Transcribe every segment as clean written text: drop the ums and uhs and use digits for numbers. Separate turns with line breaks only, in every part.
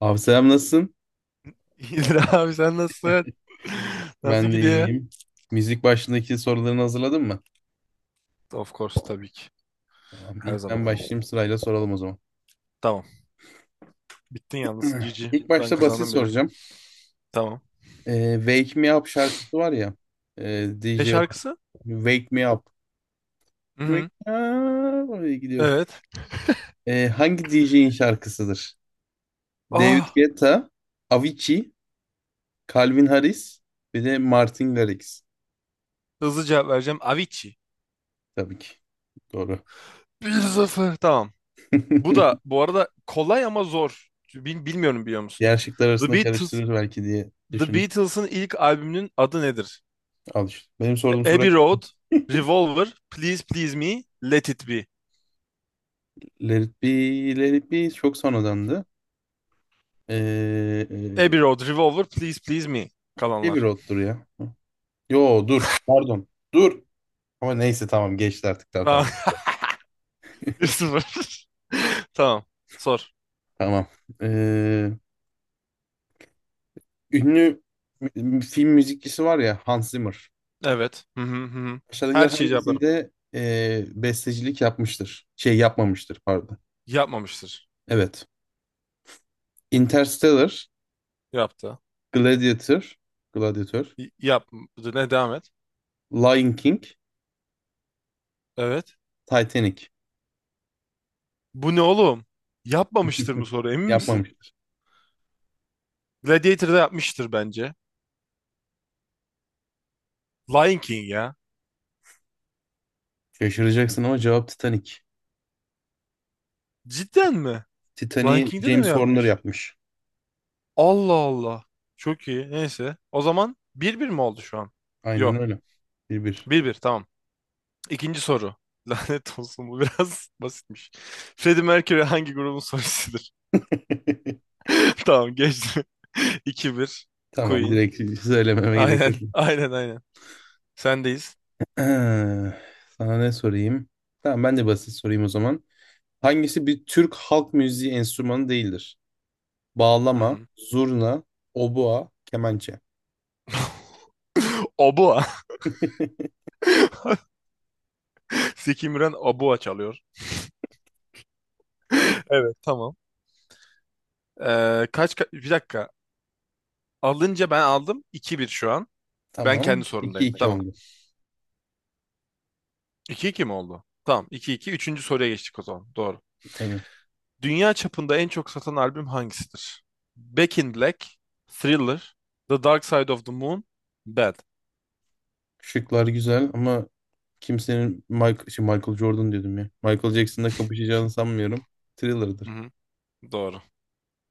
Abi selam nasılsın?
İyidir abi sen nasılsın? Nasıl
Ben de
gidiyor?
iyiyim. Müzik başındaki sorularını hazırladın mı?
Of course, tabii ki.
Tamam.
Her
İlk
zaman.
ben başlayayım, sırayla soralım o zaman.
Tamam. Bittin yalnız. GG.
İlk
Ben
başta basit
kazandım bile.
soracağım.
Tamam.
Wake Me Up şarkısı var ya.
Ne
DJ olarak.
şarkısı?
Wake Me Up.
Hı
Wake
hı.
Me Up. Öyle gidiyor.
Evet.
Hangi DJ'in şarkısıdır? David
Ah,
Guetta, Avicii, Calvin Harris ve de Martin Garrix.
hızlı cevap vereceğim. Avicii.
Tabii ki. Doğru.
Bir 0. Tamam. Bu da bu arada kolay ama zor. Bilmiyorum, biliyor musun?
Diğer şıklar
The
arasında
Beatles
karıştırır belki diye
The
düşündüm.
Beatles'ın ilk albümünün adı nedir?
Al işte, benim sorduğum soru
Abbey Road, Revolver, Please Please Me, Let It Be.
Let It Be, Let It Be çok sonradandı. Ee,
Abbey
e,
Road, Revolver, Please Please Me. Kalanlar.
Heavy Road'dur ya. Yo, dur. Pardon. Dur. Ama neyse, tamam, geçti artık, tamam
Tamam.
tamam.
1-0. Tamam. Sor.
Tamam. Ee, ünlü film müzikçisi var ya, Hans Zimmer.
Evet. Hı hı hı, hı.
Aşağıdakilerin
Her şeyi cevaplarım.
hangisinde bestecilik yapmıştır? Şey, yapmamıştır, pardon.
Yapmamıştır.
Evet. Interstellar,
Yaptı.
Gladiator, Gladiator,
Yapmadı. Ne, devam et.
Lion King,
Evet.
Titanic. Hmm.
Bu ne oğlum? Yapmamıştır mı soru, emin misin?
Yapmamıştır.
Gladiator'da yapmıştır bence. Lion King ya.
Şaşıracaksın ama cevap Titanic.
Cidden mi? Lion
Titanic'i
King'de de mi
James Horner
yapmış?
yapmış.
Allah Allah. Çok iyi. Neyse. O zaman bir bir mi oldu şu an?
Aynen
Yok.
öyle. 1-1.
Bir bir, tamam. İkinci soru. Lanet olsun, bu biraz basitmiş. Freddie Mercury hangi grubun solistidir? Tamam, geçti. 2-1.
Tamam,
Queen.
direkt söylememe gerek
Aynen,
yok.
aynen, aynen. Sendeyiz.
Eee, Sana ne sorayım? Tamam, ben de basit sorayım o zaman. Hangisi bir Türk halk müziği enstrümanı değildir?
Hı
Bağlama,
hı.
zurna, obua, kemençe.
Obua. Zeki Müren Obua çalıyor. Evet, tamam. Bir dakika. Alınca ben aldım. 2-1 şu an. Ben
Tamam.
kendi
iki
sorumdayım.
iki
Tamam.
oldu.
2-2 mi oldu? Tamam, iki iki. Üçüncü soruya geçtik o zaman. Doğru.
Aynen.
Dünya çapında en çok satan albüm hangisidir? Back in Black, Thriller, The Dark Side of the Moon, Bad.
Şıklar güzel ama kimsenin Michael, Michael Jordan diyordum ya, Michael Jackson'la kapışacağını sanmıyorum.
Hı
Thriller'dır.
hı. Doğru.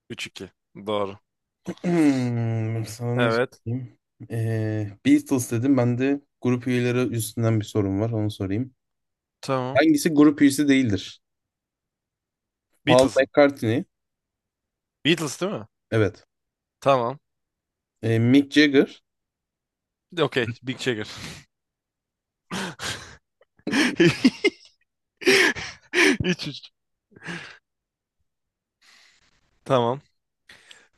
3-2. Doğru.
Sana ne
Evet.
sorayım? Beatles dedim. Ben de grup üyeleri üstünden bir sorum var. Onu sorayım.
Tamam.
Hangisi grup üyesi değildir? Paul
Beatles'ın.
McCartney.
Beatles değil mi?
Evet.
Tamam.
Mick Jagger.
Okey. Big Checker. 3-3. Tamam.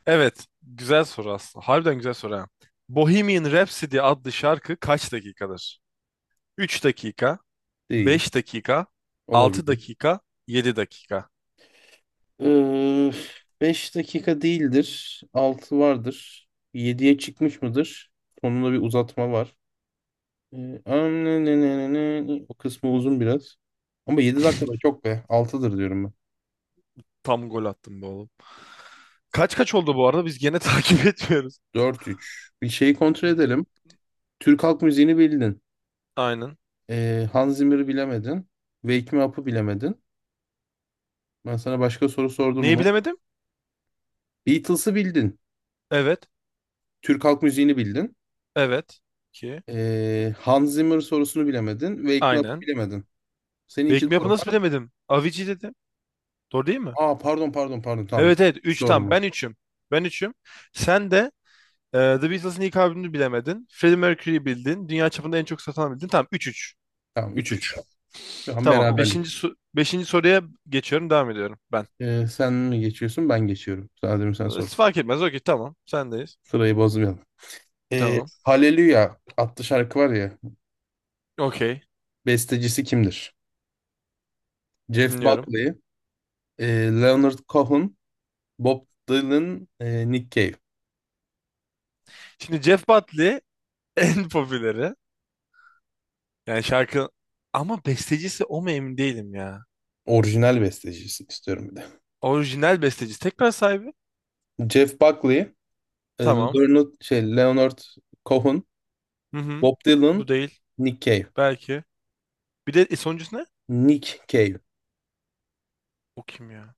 Evet. Güzel soru aslında. Harbiden güzel soru ha. Bohemian Rhapsody adlı şarkı kaç dakikadır? 3 dakika,
Değil.
5 dakika, Altı
Olabilir.
dakika, 7 dakika.
Ee, 5 dakika değildir. 6 vardır. Yediye çıkmış mıdır? Sonunda bir uzatma var. Ee, o kısmı uzun biraz. Ama 7 dakika da çok be. Altıdır diyorum ben.
Tam gol attım be oğlum. Kaç kaç oldu bu arada? Biz gene takip etmiyoruz.
4-3. Bir şeyi kontrol
D-
edelim. Türk halk müziğini bildin.
Aynen.
Hans Zimmer'ı bilemedin. Wake Me Up'ı bilemedin. Ben sana başka soru sordum
Neyi
mu?
bilemedim?
Beatles'ı bildin.
Evet.
Türk halk müziğini bildin.
Evet. 2.
Hans Zimmer sorusunu bilemedin. Wake Me Up'ı
Aynen.
bilemedin. Senin
Wake
iki
Me
doğru
Up'ı nasıl
var.
bilemedim? Avicii dedim. Doğru değil mi?
Pardon pardon pardon, tamam.
Evet, evet,
Üç
3
doğru
tam.
mu?
Ben üçüm. Ben üçüm. Sen de The Beatles'ın ilk albümünü bilemedin. Freddie Mercury'yi bildin. Dünya çapında en çok satan bildin. Tamam, 3-3.
Tamam, üç
3-3.
üç. Şu an tamam,
Tamam. 5.
beraberlik.
Beşinci soruya geçiyorum. Devam ediyorum ben.
Sen mi geçiyorsun, ben geçiyorum. Sadece sen sor.
Fark etmez. Okey, tamam. Sendeyiz.
Sırayı bozmayalım.
Tamam.
Hallelujah adlı şarkı var ya.
Okey.
Bestecisi kimdir? Jeff
Dinliyorum.
Buckley, e, Leonard Cohen, Bob Dylan, Nick Cave.
Şimdi Jeff Buckley en popüleri. Yani şarkı, ama bestecisi o mu, emin değilim ya.
Orijinal bestecisi istiyorum bir de.
Orijinal bestecisi. Tekrar sahibi.
Jeff Buckley,
Tamam.
Leonard Cohen,
Hı hı.
Bob
Bu
Dylan,
değil.
Nick Cave.
Belki. Bir de sonuncusu ne?
Nick Cave.
O kim ya?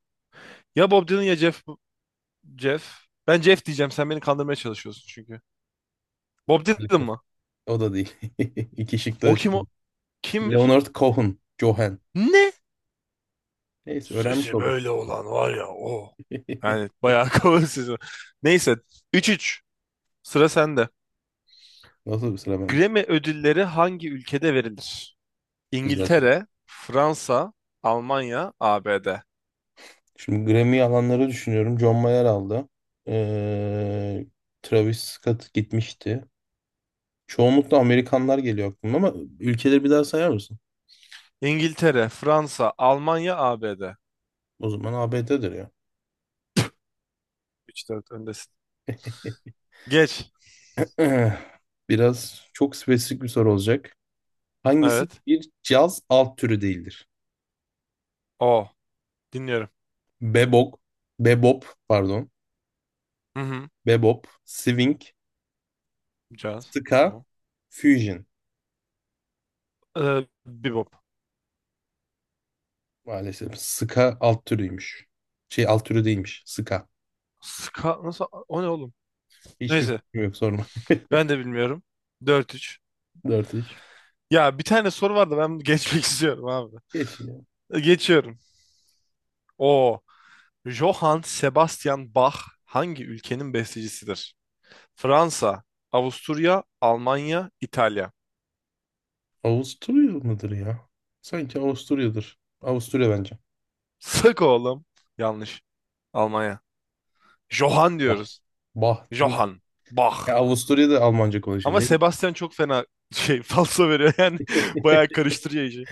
Ya Bob Dylan ya Jeff. Jeff. Ben Jeff diyeceğim. Sen beni kandırmaya çalışıyorsun çünkü. Bob Dylan
Maalesef.
mı?
O da değil. İki şık
O
da şey.
kim o? Kimmiş?
Leonard Cohen, Cohen.
Ne?
Neyse, öğrenmiş
Sesi
oldum.
böyle olan var ya o. Yani bayağı kalın sesi var. Neyse. 3-3. Sıra sende.
Nasıl bir sıra benim?
Grammy ödülleri hangi ülkede verilir?
Güzel soru.
İngiltere, Fransa, Almanya, ABD.
Şimdi Grammy alanları düşünüyorum. John Mayer aldı. Ee, Travis Scott gitmişti. Çoğunlukla Amerikanlar geliyor aklıma ama ülkeleri bir daha sayar mısın?
İngiltere, Fransa, Almanya, ABD.
O zaman ABD'dir ya.
3-4 öndesin. Geç.
Biraz çok spesifik bir soru olacak. Hangisi
Evet.
bir caz alt türü değildir?
O. Dinliyorum.
Bebop, bebop pardon,
Hı hı.
bebop, swing,
Caz.
ska,
O.
fusion.
Bebop.
Maalesef ska alt türüymüş. Şey, alt türü değilmiş, ska.
Ska nasıl? O ne oğlum?
Hiçbir
Neyse.
fikrim yok, sorma.
Ben de bilmiyorum. 4-3.
Dört iş.
Ya bir tane soru vardı, ben bunu geçmek istiyorum abi.
Geç ya.
Geçiyorum. O Johann Sebastian Bach hangi ülkenin bestecisidir? Fransa, Avusturya, Almanya, İtalya.
Avusturya mıdır ya? Sanki Avusturya'dır. Avusturya bence.
Sık oğlum. Yanlış. Almanya. Johann
Bah.
diyoruz.
Bah değil mi?
Johann Bach.
Ya, Avusturya'da Almanca konuşuyor.
Ama
Ne
Sebastian çok fena şey falso veriyor yani bayağı
bileyim.
karıştırıyor işi.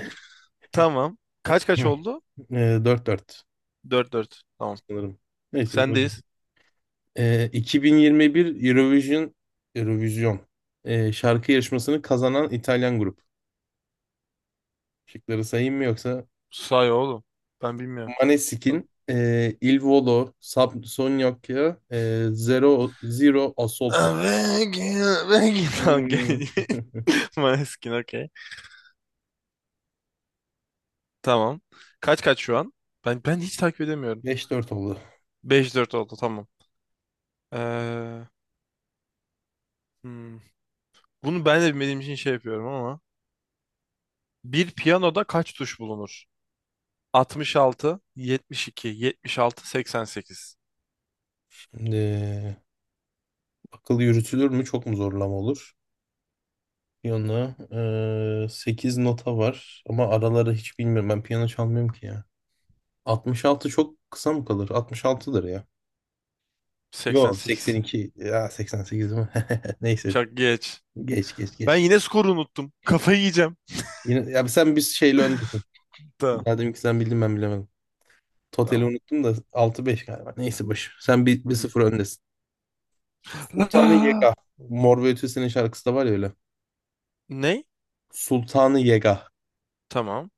Tamam. Kaç kaç oldu?
Dört 4
4-4. Tamam.
sanırım. Neyse, öyle.
Sendeyiz.
2021 Eurovision şarkı yarışmasını kazanan İtalyan grup. Şıkları sayayım mı yoksa?
Say oğlum. Ben bilmiyorum. Bak.
Maneskin, Il Volo, Subsonica, Zero, Zero Assolto.
Begin, begin. Tamam,
Hmm.
gel. Maneskin, okey. Tamam. Kaç kaç şu an? Ben hiç takip edemiyorum.
5-4 oldu.
5-4 oldu, tamam. Ee, hmm. Bunu ben de bilmediğim için şey yapıyorum ama. Bir piyanoda kaç tuş bulunur? 66, 72, 76, 88,
Şimdi akıl yürütülür mü? Çok mu zorlama olur? Piyano. 8 nota var ama araları hiç bilmiyorum. Ben piyano çalmıyorum ki ya. 66 çok kısa mı kalır? 66'dır ya.
seksen
Yok,
sekiz.
82 ya 88 mi? Neyse,
Çok geç.
geç geç
Ben
geç.
yine skoru unuttum. Kafayı yiyeceğim.
Yine, ya sen bir şeyle öndesin.
Tamam.
Ya, dedim ki sen bildin ben bilemedim. Totali
tamam.
unuttum da 6-5 galiba. Neyse, boş. Sen
Hı
bir
hı.
sıfır öndesin. Sultanı
La-
Yega. Mor ve Ötesi'nin şarkısı da var ya öyle.
Ne?
Sultanı Yega.
Tamam.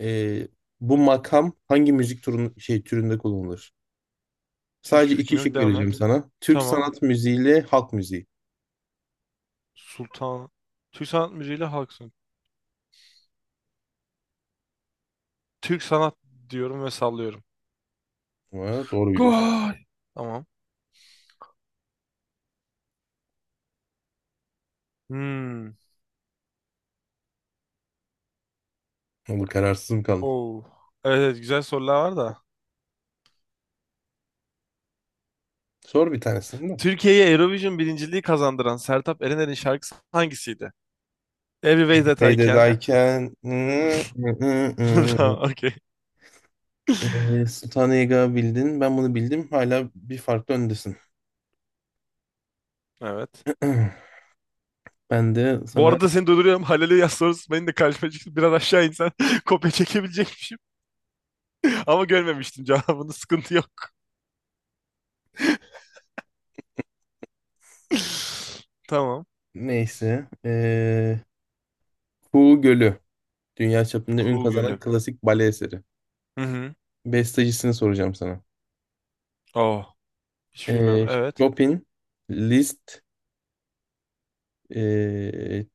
Ee, bu makam hangi müzik türünde kullanılır? Sadece
Hiçbir fikrim
iki
yok.
şık
Devam
vereceğim
et.
sana. Türk
Tamam.
sanat müziği ile halk müziği.
Sultan. Türk sanat müziğiyle halk sanat. Türk sanat diyorum ve sallıyorum.
Ha, doğru biliyorsun.
Gol. Tamam. Hmm.
Ama kararsız mı kaldın?
Oo. Evet, evet, güzel sorular var da.
Sor bir tanesini, değil mi?
Türkiye'ye Eurovision birinciliği kazandıran Sertab Erener'in şarkısı hangisiydi? Every Way That I Can.
Beydedayken
Tamam, okey.
Sultanega bildin. Ben bunu bildim. Hala bir farklı öndesin.
Evet.
Ben de
Bu
sana,
arada seni durduruyorum. Halil'e yaz sorusu benim de karşıma çıktı. Biraz aşağı insen kopya çekebilecekmişim. Ama görmemiştim cevabını. Sıkıntı yok. Tamam.
neyse, Kuğu Gölü. Dünya çapında ün
Kuğu
kazanan
Gölü.
klasik bale eseri.
Hı hı.
Bestecisini soracağım sana.
Oh. Hiç bilmiyorum.
Eee
Evet.
Chopin, Liszt, eee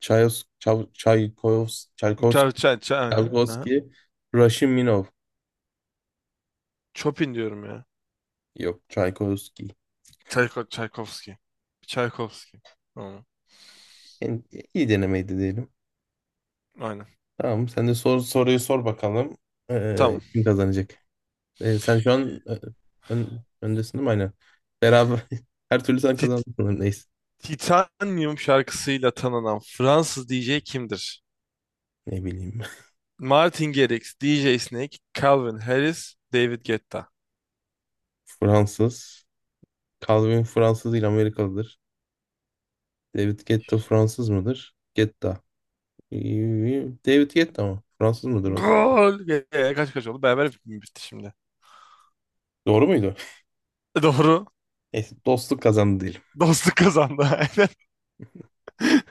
Çayos, Çav, Çaykos, Çaykos,
Çay, çay, çay, aynen. Aha.
Çaykovski, Raşiminov.
Chopin diyorum ya.
Yok, Çaykovski.
Çaykovski. Çaykovski. Tamam.
Yani iyi denemeydi diyelim.
Aynen.
Tamam. Sen de sor, soruyu sor bakalım.
Tamam.
Kim kazanacak? Sen şu an öndesin değil mi? Aynen. Beraber her türlü sen
Tit-
kazandın sanırım. Neyse.
Titanium şarkısıyla tanınan Fransız DJ kimdir?
Ne bileyim.
Martin Garrix, DJ Snake, Calvin Harris, David Guetta.
Fransız. Calvin Fransız değil, Amerikalıdır. David Guetta Fransız mıdır? Guetta. Ee, David Guetta mı? Fransız mıdır o da?
Gol! Kaç kaç oldu? Beraber bitti şimdi.
Doğru muydu?
Doğru.
Neyse, dostluk kazandı diyelim.
Dostluk kazandı. Aynen.